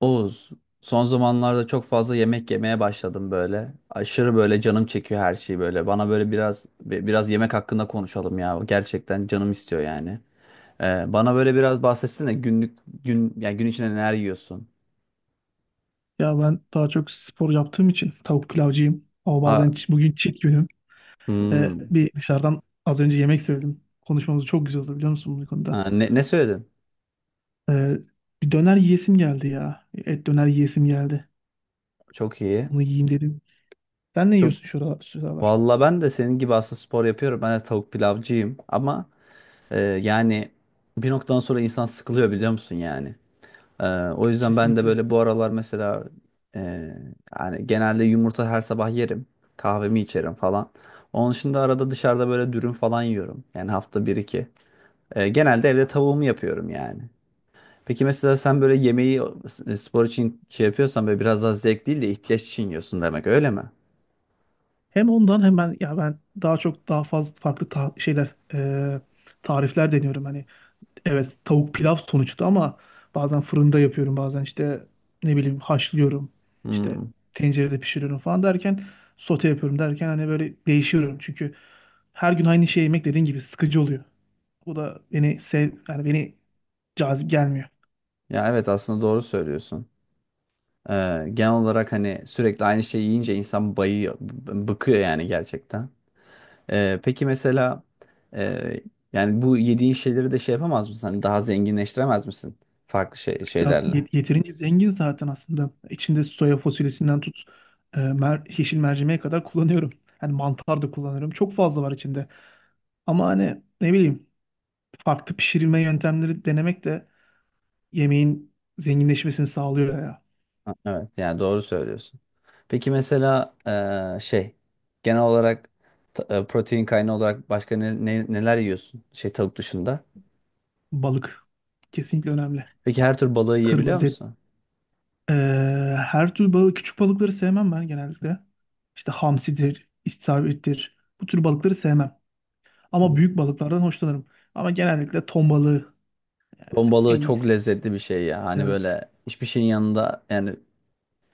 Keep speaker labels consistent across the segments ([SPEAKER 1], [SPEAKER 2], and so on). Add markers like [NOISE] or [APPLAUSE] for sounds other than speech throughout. [SPEAKER 1] Oğuz, son zamanlarda çok fazla yemek yemeye başladım böyle. Aşırı böyle canım çekiyor her şeyi böyle. Bana böyle biraz biraz yemek hakkında konuşalım ya. Gerçekten canım istiyor yani. Bana böyle biraz bahsetsene gün yani gün içinde neler yiyorsun?
[SPEAKER 2] Ya ben daha çok spor yaptığım için tavuk pilavcıyım. Ama bazen
[SPEAKER 1] Ha,
[SPEAKER 2] bugün cheat günüm.
[SPEAKER 1] hmm.
[SPEAKER 2] Bir dışarıdan az önce yemek söyledim. Konuşmamız çok güzel oldu biliyor musun bu konuda?
[SPEAKER 1] Ha, ne söyledin?
[SPEAKER 2] Ee, bir döner yiyesim geldi ya. Et döner yiyesim geldi.
[SPEAKER 1] Çok iyi.
[SPEAKER 2] Onu yiyeyim dedim. Sen ne
[SPEAKER 1] Çok
[SPEAKER 2] yiyorsun şuralar?
[SPEAKER 1] Valla ben de senin gibi aslında spor yapıyorum. Ben de tavuk pilavcıyım ama yani bir noktadan sonra insan sıkılıyor biliyor musun yani? O yüzden ben de
[SPEAKER 2] Kesinlikle.
[SPEAKER 1] böyle bu aralar mesela e, yani genelde yumurta her sabah yerim. Kahvemi içerim falan. Onun dışında arada dışarıda böyle dürüm falan yiyorum. Yani hafta bir iki. Genelde evde tavuğumu yapıyorum yani. Peki mesela sen böyle yemeği spor için şey yapıyorsan böyle biraz daha zevk değil de ihtiyaç için yiyorsun demek öyle mi?
[SPEAKER 2] Hem ondan hem ben ya ben daha fazla farklı şeyler, tarifler deniyorum hani. Evet tavuk pilav sonuçta. Ama bazen fırında yapıyorum, bazen işte ne bileyim haşlıyorum, işte
[SPEAKER 1] Hmm.
[SPEAKER 2] tencerede pişiriyorum falan derken, sote yapıyorum derken hani böyle değişiyorum, çünkü her gün aynı şey yemek dediğin gibi sıkıcı oluyor. Bu da beni sev yani beni cazip gelmiyor.
[SPEAKER 1] Ya evet aslında doğru söylüyorsun. Genel olarak hani sürekli aynı şeyi yiyince insan bayıyor, bıkıyor yani gerçekten. Peki mesela e, yani bu yediğin şeyleri de şey yapamaz mısın? Hani daha zenginleştiremez misin? Farklı şeylerle.
[SPEAKER 2] Yeterince zengin zaten aslında. İçinde soya fasulyesinden tut e, mer yeşil mercimeğe kadar kullanıyorum. Hani mantar da kullanıyorum. Çok fazla var içinde. Ama hani ne bileyim, farklı pişirilme yöntemleri denemek de yemeğin zenginleşmesini sağlıyor ya.
[SPEAKER 1] Ha, evet yani doğru söylüyorsun. Peki mesela şey genel olarak protein kaynağı olarak başka ne, neler yiyorsun? Şey tavuk dışında.
[SPEAKER 2] Balık kesinlikle önemli.
[SPEAKER 1] Peki her tür balığı yiyebiliyor
[SPEAKER 2] Kırmızı et.
[SPEAKER 1] musun?
[SPEAKER 2] Ee, her tür balık, küçük balıkları sevmem ben genellikle. İşte hamsidir, istavrittir. Bu tür balıkları sevmem. Ama
[SPEAKER 1] Hmm.
[SPEAKER 2] büyük balıklardan hoşlanırım. Ama genellikle ton balığı
[SPEAKER 1] Ton balığı
[SPEAKER 2] en
[SPEAKER 1] çok
[SPEAKER 2] iyisi.
[SPEAKER 1] lezzetli bir şey ya. Hani
[SPEAKER 2] Evet.
[SPEAKER 1] böyle hiçbir şeyin yanında yani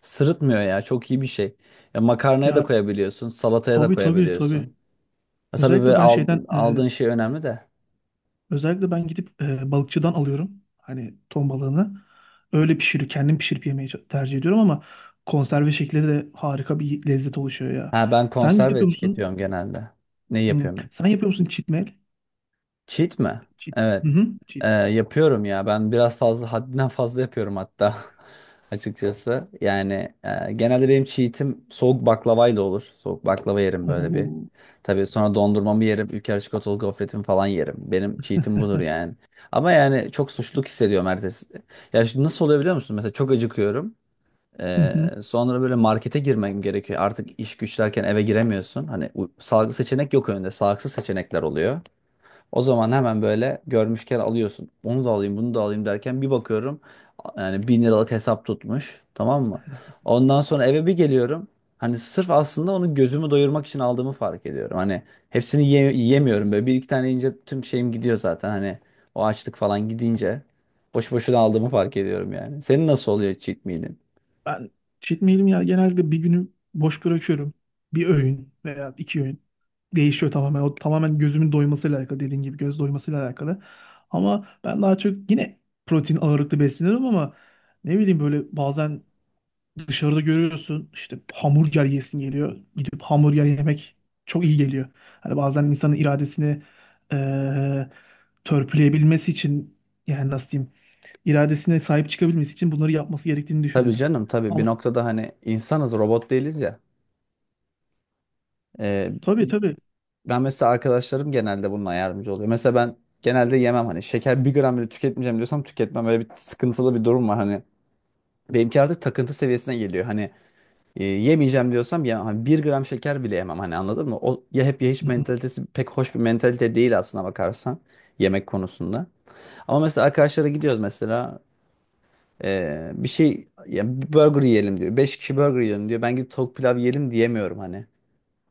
[SPEAKER 1] sırıtmıyor ya. Çok iyi bir şey. Ya makarnaya da
[SPEAKER 2] Ya,
[SPEAKER 1] koyabiliyorsun, salataya da
[SPEAKER 2] tabii tabii tabii.
[SPEAKER 1] koyabiliyorsun. E, tabii
[SPEAKER 2] Özellikle
[SPEAKER 1] böyle
[SPEAKER 2] ben şeyden ee,
[SPEAKER 1] aldığın şey önemli de.
[SPEAKER 2] Özellikle ben gidip balıkçıdan alıyorum. Hani ton balığını. Öyle pişirip kendim pişirip yemeyi çok tercih ediyorum, ama konserve şekli de harika bir lezzet oluşuyor ya.
[SPEAKER 1] Ha ben
[SPEAKER 2] Sen
[SPEAKER 1] konserve
[SPEAKER 2] yapıyor musun?
[SPEAKER 1] tüketiyorum genelde. Ne
[SPEAKER 2] Hmm.
[SPEAKER 1] yapıyorum ya?
[SPEAKER 2] Sen yapıyor musun çitmel?
[SPEAKER 1] Cheat mi?
[SPEAKER 2] Çit. Hı
[SPEAKER 1] Evet.
[SPEAKER 2] hı.
[SPEAKER 1] E,
[SPEAKER 2] Çit.
[SPEAKER 1] yapıyorum ya. Ben biraz fazla haddinden fazla yapıyorum hatta. [LAUGHS] Açıkçası. Yani genelde benim cheat'im soğuk baklavayla olur. Soğuk baklava yerim böyle bir.
[SPEAKER 2] Oo.
[SPEAKER 1] Tabii sonra dondurmamı yerim. Ülker çikolatalı gofretimi falan yerim. Benim cheat'im budur yani. Ama yani çok suçluluk hissediyorum ertesi. Ya şimdi nasıl oluyor biliyor musun? Mesela çok acıkıyorum.
[SPEAKER 2] Hı
[SPEAKER 1] Ee,
[SPEAKER 2] hı.
[SPEAKER 1] Sonra böyle markete girmem gerekiyor. Artık iş güçlerken eve giremiyorsun. Hani salgı seçenek yok önünde. Sağlıksız seçenekler oluyor. O zaman hemen böyle görmüşken alıyorsun. Onu da alayım, bunu da alayım derken bir bakıyorum. Yani bin liralık hesap tutmuş. Tamam mı? Ondan sonra eve bir geliyorum. Hani sırf aslında onu gözümü doyurmak için aldığımı fark ediyorum. Hani hepsini yiyemiyorum böyle. Bir iki tane yiyince tüm şeyim gidiyor zaten. Hani o açlık falan gidince boş boşuna aldığımı fark ediyorum yani. Senin nasıl oluyor cheat meal'in?
[SPEAKER 2] Ben cheat meal'imi ya genelde bir günü boş bırakıyorum. Bir öğün veya iki öğün. Değişiyor tamamen. O tamamen gözümün doymasıyla alakalı, dediğin gibi göz doymasıyla alakalı. Ama ben daha çok yine protein ağırlıklı besleniyorum, ama ne bileyim böyle bazen dışarıda görüyorsun işte, hamburger yesin geliyor. Gidip hamburger yemek çok iyi geliyor. Hani bazen insanın iradesini eee törpüleyebilmesi için, yani nasıl diyeyim, iradesine sahip çıkabilmesi için bunları yapması gerektiğini
[SPEAKER 1] Tabii
[SPEAKER 2] düşünüyorum.
[SPEAKER 1] canım tabii bir
[SPEAKER 2] Ama
[SPEAKER 1] noktada hani insanız robot değiliz ya. Ee,
[SPEAKER 2] tabii tabii.
[SPEAKER 1] Ben mesela arkadaşlarım genelde bununla yardımcı oluyor. Mesela ben genelde yemem hani şeker bir gram bile tüketmeyeceğim diyorsam tüketmem. Böyle bir sıkıntılı bir durum var hani. Benimki artık takıntı seviyesine geliyor. Hani yemeyeceğim diyorsam ya hani bir gram şeker bile yemem hani anladın mı? O ya hep ya
[SPEAKER 2] Hı
[SPEAKER 1] hiç
[SPEAKER 2] hı.
[SPEAKER 1] mentalitesi pek hoş bir mentalite değil aslına bakarsan yemek konusunda. Ama mesela arkadaşlara gidiyoruz mesela bir şey ya bir burger yiyelim diyor. Beş kişi burger yiyelim diyor. Ben gidip tavuk pilav yiyelim diyemiyorum hani.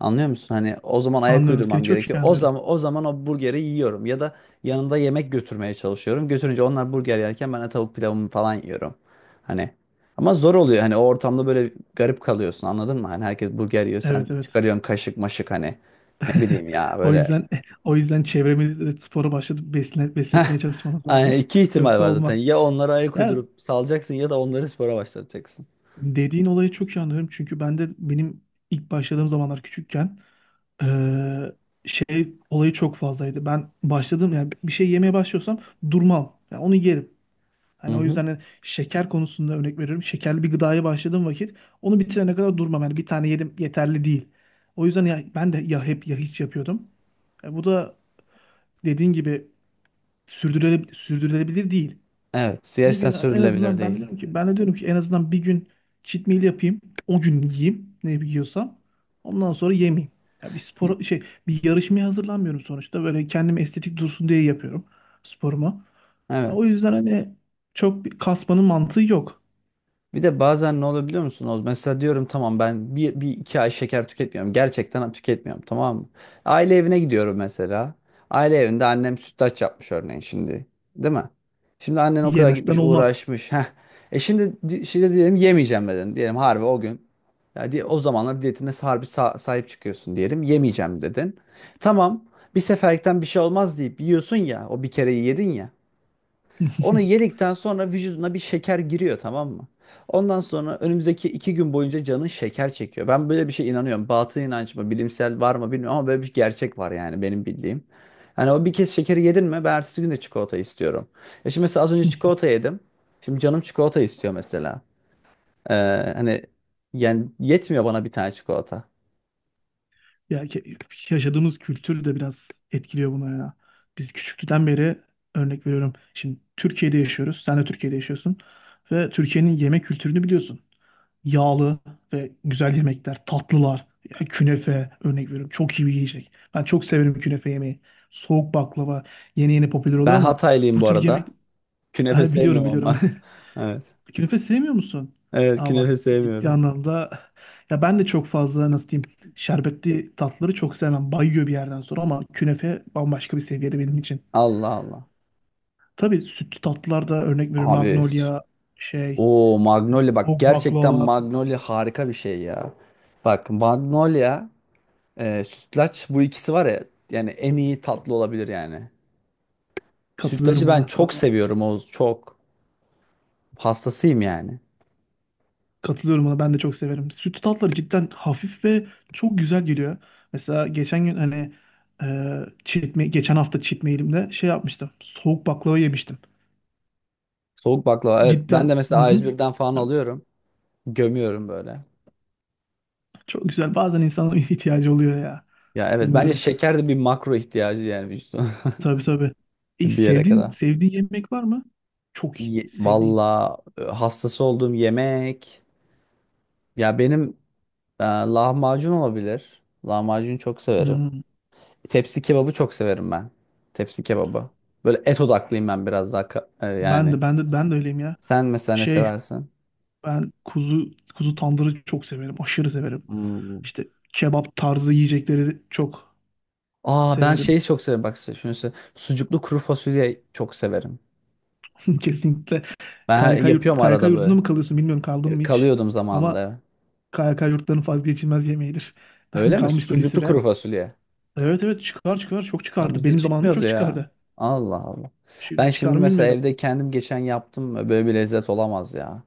[SPEAKER 1] Anlıyor musun? Hani o zaman ayak
[SPEAKER 2] Anlıyorum seni,
[SPEAKER 1] uydurmam
[SPEAKER 2] çok iyi
[SPEAKER 1] gerekiyor. O
[SPEAKER 2] anlıyorum.
[SPEAKER 1] zaman o burgeri yiyorum ya da yanında yemek götürmeye çalışıyorum. Götürünce onlar burger yerken ben de tavuk pilavımı falan yiyorum. Hani ama zor oluyor. Hani o ortamda böyle garip kalıyorsun. Anladın mı? Hani herkes burger yiyor, sen
[SPEAKER 2] Evet evet.
[SPEAKER 1] çıkarıyorsun kaşık maşık hani. Ne bileyim ya
[SPEAKER 2] O
[SPEAKER 1] böyle.
[SPEAKER 2] yüzden [LAUGHS] o yüzden çevremizde de spora başladık, besletmeye çalışmamız lazım.
[SPEAKER 1] Yani iki
[SPEAKER 2] [LAUGHS]
[SPEAKER 1] ihtimal
[SPEAKER 2] Yoksa
[SPEAKER 1] var zaten.
[SPEAKER 2] olmaz.
[SPEAKER 1] Ya onlara ayak
[SPEAKER 2] Ya,
[SPEAKER 1] uydurup salacaksın ya da onları spora başlatacaksın.
[SPEAKER 2] dediğin olayı çok iyi anlıyorum. Çünkü ben de ilk başladığım zamanlar küçükken, eee, şey olayı çok fazlaydı. Ben başladım, yani bir şey yemeye başlıyorsam durmam. Yani onu yerim. Hani
[SPEAKER 1] Hı
[SPEAKER 2] o
[SPEAKER 1] hı.
[SPEAKER 2] yüzden, hani şeker konusunda örnek veriyorum. Şekerli bir gıdaya başladığım vakit onu bitirene kadar durmam. Yani bir tane yedim yeterli değil. O yüzden ya, ben de ya hep ya hiç yapıyordum. Bu da dediğin gibi sürdürülebilir değil.
[SPEAKER 1] Evet,
[SPEAKER 2] Bir
[SPEAKER 1] siyasetten
[SPEAKER 2] gün en
[SPEAKER 1] sürdürülebilir
[SPEAKER 2] azından, ben de
[SPEAKER 1] değil.
[SPEAKER 2] diyorum ki, en azından bir gün cheat meal yapayım. O gün yiyeyim ne yiyorsam. Ondan sonra yemeyeyim. Ya, bir spor bir yarışmaya hazırlanmıyorum sonuçta. Böyle kendim estetik dursun diye yapıyorum sporumu. Ha, o
[SPEAKER 1] Evet.
[SPEAKER 2] yüzden hani çok bir kasmanın mantığı yok.
[SPEAKER 1] Bir de bazen ne olabiliyor musunuz? Mesela diyorum tamam ben bir iki ay şeker tüketmiyorum. Gerçekten tüketmiyorum tamam mı? Aile evine gidiyorum mesela. Aile evinde annem sütlaç yapmış örneğin şimdi. Değil mi? Şimdi annen o kadar
[SPEAKER 2] Yemezsen
[SPEAKER 1] gitmiş
[SPEAKER 2] olmaz.
[SPEAKER 1] uğraşmış. Heh. Şimdi diyelim yemeyeceğim dedin. Diyelim harbi o gün. Ya o zamanlar diyetine harbi sahip çıkıyorsun diyelim. Yemeyeceğim dedin. Tamam bir seferlikten bir şey olmaz deyip yiyorsun ya. O bir kere yedin ya. Onu
[SPEAKER 2] [LAUGHS]
[SPEAKER 1] yedikten sonra vücuduna bir şeker giriyor tamam mı? Ondan sonra önümüzdeki iki gün boyunca canın şeker çekiyor. Ben böyle bir şey inanıyorum. Batıl inanç mı, bilimsel var mı bilmiyorum ama böyle bir gerçek var yani benim bildiğim. Yani o bir kez şekeri yedin mi ben ertesi gün de çikolata istiyorum. Ya şimdi mesela az önce çikolata yedim. Şimdi canım çikolata istiyor mesela. Ee, Hani yani yetmiyor bana bir tane çikolata.
[SPEAKER 2] Ya yaşadığımız kültür de biraz etkiliyor buna ya. Biz küçüklükten beri, örnek veriyorum, şimdi Türkiye'de yaşıyoruz. Sen de Türkiye'de yaşıyorsun. Ve Türkiye'nin yemek kültürünü biliyorsun. Yağlı ve güzel yemekler, tatlılar, ya künefe örnek veriyorum. Çok iyi bir yiyecek. Ben çok severim künefe yemeği. Soğuk baklava yeni yeni popüler oluyor,
[SPEAKER 1] Ben
[SPEAKER 2] ama
[SPEAKER 1] Hataylıyım
[SPEAKER 2] bu
[SPEAKER 1] bu
[SPEAKER 2] tür yemek.
[SPEAKER 1] arada. Künefe
[SPEAKER 2] Ha, biliyorum
[SPEAKER 1] sevmiyorum
[SPEAKER 2] biliyorum.
[SPEAKER 1] ama.
[SPEAKER 2] [LAUGHS]
[SPEAKER 1] [LAUGHS] Evet.
[SPEAKER 2] Künefe sevmiyor musun?
[SPEAKER 1] Evet
[SPEAKER 2] Aa bak,
[SPEAKER 1] künefe
[SPEAKER 2] ciddi
[SPEAKER 1] sevmiyorum.
[SPEAKER 2] anlamda [LAUGHS] ya ben de çok fazla, nasıl diyeyim, şerbetli tatları çok sevmem. Bayıyor bir yerden sonra, ama künefe bambaşka bir seviyede benim için.
[SPEAKER 1] Allah Allah.
[SPEAKER 2] Tabii sütlü tatlılar da, örnek veriyorum,
[SPEAKER 1] Abi
[SPEAKER 2] Magnolia, şey,
[SPEAKER 1] o Magnolia bak
[SPEAKER 2] soğuk
[SPEAKER 1] gerçekten
[SPEAKER 2] baklava,
[SPEAKER 1] Magnolia harika bir şey ya. Bak Magnolia, sütlaç bu ikisi var ya yani en iyi tatlı olabilir yani. Sütlacı
[SPEAKER 2] katılıyorum
[SPEAKER 1] ben
[SPEAKER 2] buna.
[SPEAKER 1] çok
[SPEAKER 2] Vallahi
[SPEAKER 1] seviyorum Oğuz çok. Hastasıyım yani.
[SPEAKER 2] katılıyorum buna, ben de çok severim. Sütlü tatlar cidden hafif ve çok güzel geliyor. Mesela geçen gün hani e, geçen hafta çitmeyelimde şey yapmıştım. Soğuk baklava yemiştim.
[SPEAKER 1] Soğuk baklava evet ben de
[SPEAKER 2] Cidden hı
[SPEAKER 1] mesela a
[SPEAKER 2] hı.
[SPEAKER 1] yüz birden falan alıyorum. Gömüyorum böyle.
[SPEAKER 2] Çok güzel. Bazen insanın [LAUGHS] ihtiyacı oluyor ya.
[SPEAKER 1] Ya evet bence
[SPEAKER 2] Bilmiyorum.
[SPEAKER 1] şeker de bir makro ihtiyacı yani vücudun
[SPEAKER 2] Tabii tabii.
[SPEAKER 1] [LAUGHS] bir yere
[SPEAKER 2] Sevdiğin
[SPEAKER 1] kadar.
[SPEAKER 2] yemek var mı? Çok iyi. Sevdiğin.
[SPEAKER 1] Valla hastası olduğum yemek. Ya benim lahmacun olabilir. Lahmacun çok severim.
[SPEAKER 2] Hmm.
[SPEAKER 1] Tepsi kebabı çok severim ben. Tepsi kebabı. Böyle et odaklıyım ben biraz daha yani.
[SPEAKER 2] Ben de öyleyim ya.
[SPEAKER 1] Sen mesela ne
[SPEAKER 2] Şey
[SPEAKER 1] seversin?
[SPEAKER 2] ben kuzu tandırı çok severim. Aşırı severim.
[SPEAKER 1] Hmm.
[SPEAKER 2] İşte kebap tarzı yiyecekleri çok
[SPEAKER 1] Aa ben
[SPEAKER 2] severim.
[SPEAKER 1] şeyi çok severim bak size şunu söyleyeyim. Sucuklu kuru fasulye çok severim.
[SPEAKER 2] [LAUGHS] Kesinlikle.
[SPEAKER 1] Yapıyorum
[SPEAKER 2] KYK
[SPEAKER 1] arada
[SPEAKER 2] yurdunda
[SPEAKER 1] böyle.
[SPEAKER 2] mı kalıyorsun bilmiyorum, kaldın
[SPEAKER 1] E,
[SPEAKER 2] mı hiç.
[SPEAKER 1] kalıyordum
[SPEAKER 2] Ama
[SPEAKER 1] zamanında.
[SPEAKER 2] KYK yurtlarının vazgeçilmez yemeğidir. [LAUGHS] Ben
[SPEAKER 1] Öyle mi?
[SPEAKER 2] kalmıştım bir
[SPEAKER 1] Sucuklu
[SPEAKER 2] süre.
[SPEAKER 1] kuru fasulye.
[SPEAKER 2] Evet evet, çıkar çıkar, çok
[SPEAKER 1] Ha,
[SPEAKER 2] çıkardı.
[SPEAKER 1] bize
[SPEAKER 2] Benim zamanımda
[SPEAKER 1] çıkmıyordu
[SPEAKER 2] çok
[SPEAKER 1] ya.
[SPEAKER 2] çıkardı.
[SPEAKER 1] Allah Allah. Ben
[SPEAKER 2] Şimdi çıkar
[SPEAKER 1] şimdi
[SPEAKER 2] mı
[SPEAKER 1] mesela
[SPEAKER 2] bilmiyorum.
[SPEAKER 1] evde kendim geçen yaptım. Böyle bir lezzet olamaz ya.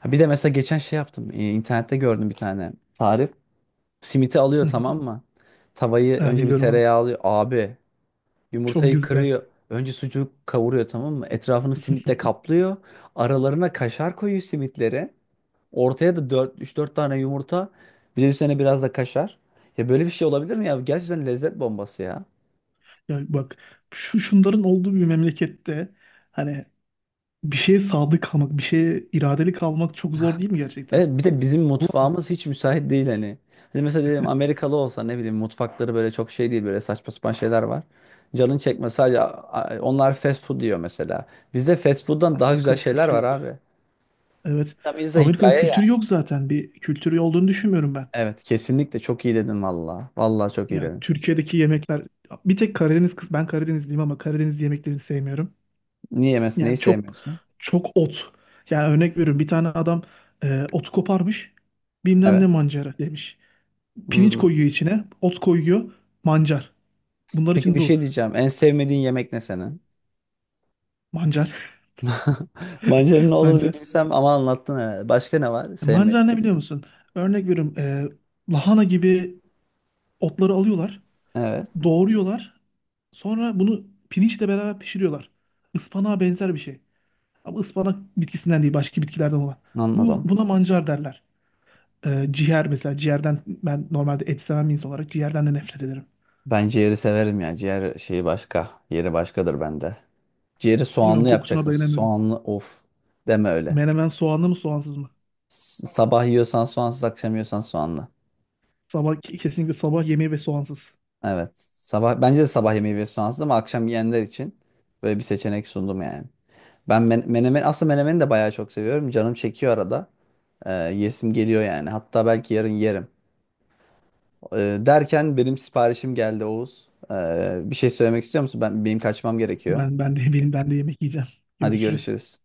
[SPEAKER 1] Ha, bir de mesela geçen şey yaptım. E, İnternette gördüm bir tane tarif. Simiti alıyor
[SPEAKER 2] Hı hı.
[SPEAKER 1] tamam mı? Tavayı
[SPEAKER 2] Ha,
[SPEAKER 1] önce bir
[SPEAKER 2] biliyorum onu.
[SPEAKER 1] tereyağı alıyor. Abi
[SPEAKER 2] Çok
[SPEAKER 1] yumurtayı
[SPEAKER 2] güzel.
[SPEAKER 1] kırıyor. Önce sucuğu kavuruyor tamam mı? Etrafını simitle kaplıyor. Aralarına kaşar koyuyor simitleri. Ortaya da 3-4 tane yumurta. Bir de üstüne biraz da kaşar. Ya böyle bir şey olabilir mi ya? Gerçekten lezzet bombası ya.
[SPEAKER 2] Ya bak, şunların olduğu bir memlekette, hani bir şeye sadık kalmak, bir şeye iradeli kalmak çok zor değil mi gerçekten?
[SPEAKER 1] Evet bir de bizim
[SPEAKER 2] Ama
[SPEAKER 1] mutfağımız hiç müsait değil hani. Hani mesela diyelim Amerikalı olsa ne bileyim mutfakları böyle çok şey değil böyle saçma sapan şeyler var. Canın çekme sadece onlar fast food diyor mesela. Bizde fast food'dan daha güzel
[SPEAKER 2] Amerika'nın
[SPEAKER 1] şeyler
[SPEAKER 2] kültürü
[SPEAKER 1] var
[SPEAKER 2] yok.
[SPEAKER 1] abi.
[SPEAKER 2] Evet.
[SPEAKER 1] Tam insan
[SPEAKER 2] Amerika'nın
[SPEAKER 1] hikaye
[SPEAKER 2] kültürü
[SPEAKER 1] yani.
[SPEAKER 2] yok zaten. Bir kültürü olduğunu düşünmüyorum ben.
[SPEAKER 1] Evet kesinlikle çok iyi dedin valla. Valla çok iyi
[SPEAKER 2] Yani
[SPEAKER 1] dedin.
[SPEAKER 2] Türkiye'deki yemekler bir tek Karadeniz kız, ben Karadenizliyim ama Karadeniz yemeklerini sevmiyorum.
[SPEAKER 1] Niye yemezsin neyi
[SPEAKER 2] Yani çok
[SPEAKER 1] sevmiyorsun?
[SPEAKER 2] çok ot. Yani örnek veriyorum, bir tane adam ot koparmış, bilmem ne
[SPEAKER 1] Evet.
[SPEAKER 2] mancara demiş. Pirinç
[SPEAKER 1] Hmm.
[SPEAKER 2] koyuyor içine. Ot koyuyor. Mancar. Bunlar
[SPEAKER 1] Peki
[SPEAKER 2] için
[SPEAKER 1] bir
[SPEAKER 2] bu.
[SPEAKER 1] şey diyeceğim. En sevmediğin yemek ne senin?
[SPEAKER 2] Mancar.
[SPEAKER 1] [LAUGHS] Mancanın ne
[SPEAKER 2] [LAUGHS]
[SPEAKER 1] olduğunu bir
[SPEAKER 2] Mancar.
[SPEAKER 1] bilsem ama anlattın evet. Başka ne var?
[SPEAKER 2] Mancar
[SPEAKER 1] Sevmediğin.
[SPEAKER 2] ne biliyor musun? Örnek veriyorum. Lahana gibi otları alıyorlar.
[SPEAKER 1] Evet
[SPEAKER 2] Doğruyorlar. Sonra bunu pirinçle beraber pişiriyorlar. Ispanağa benzer bir şey. Ama ıspanak bitkisinden değil. Başka bitkilerden olan.
[SPEAKER 1] anladım.
[SPEAKER 2] Buna mancar derler. Ciğer mesela. Ciğerden, ben normalde et seven bir insan olarak, ciğerden de nefret ederim.
[SPEAKER 1] Ben ciğeri severim ya. Ciğer şeyi başka. Yeri başkadır bende. Ciğeri
[SPEAKER 2] Bilmiyorum,
[SPEAKER 1] soğanlı
[SPEAKER 2] kokusuna
[SPEAKER 1] yapacaksın.
[SPEAKER 2] dayanamıyorum.
[SPEAKER 1] Soğanlı of. Deme öyle.
[SPEAKER 2] Menemen soğanlı mı soğansız mı?
[SPEAKER 1] Sabah yiyorsan soğansız, akşam yiyorsan soğanlı.
[SPEAKER 2] Sabah kesinlikle, sabah yemeği ve soğansız.
[SPEAKER 1] Evet. Sabah bence de sabah yemeği ve soğansız ama akşam yiyenler için böyle bir seçenek sundum yani. Ben menemen aslında menemeni de bayağı çok seviyorum. Canım çekiyor arada. Yesim geliyor yani. Hatta belki yarın yerim. Derken benim siparişim geldi Oğuz. Bir şey söylemek istiyor musun? Benim kaçmam gerekiyor.
[SPEAKER 2] Ben de yemek yiyeceğim.
[SPEAKER 1] Hadi
[SPEAKER 2] Görüşürüz.
[SPEAKER 1] görüşürüz.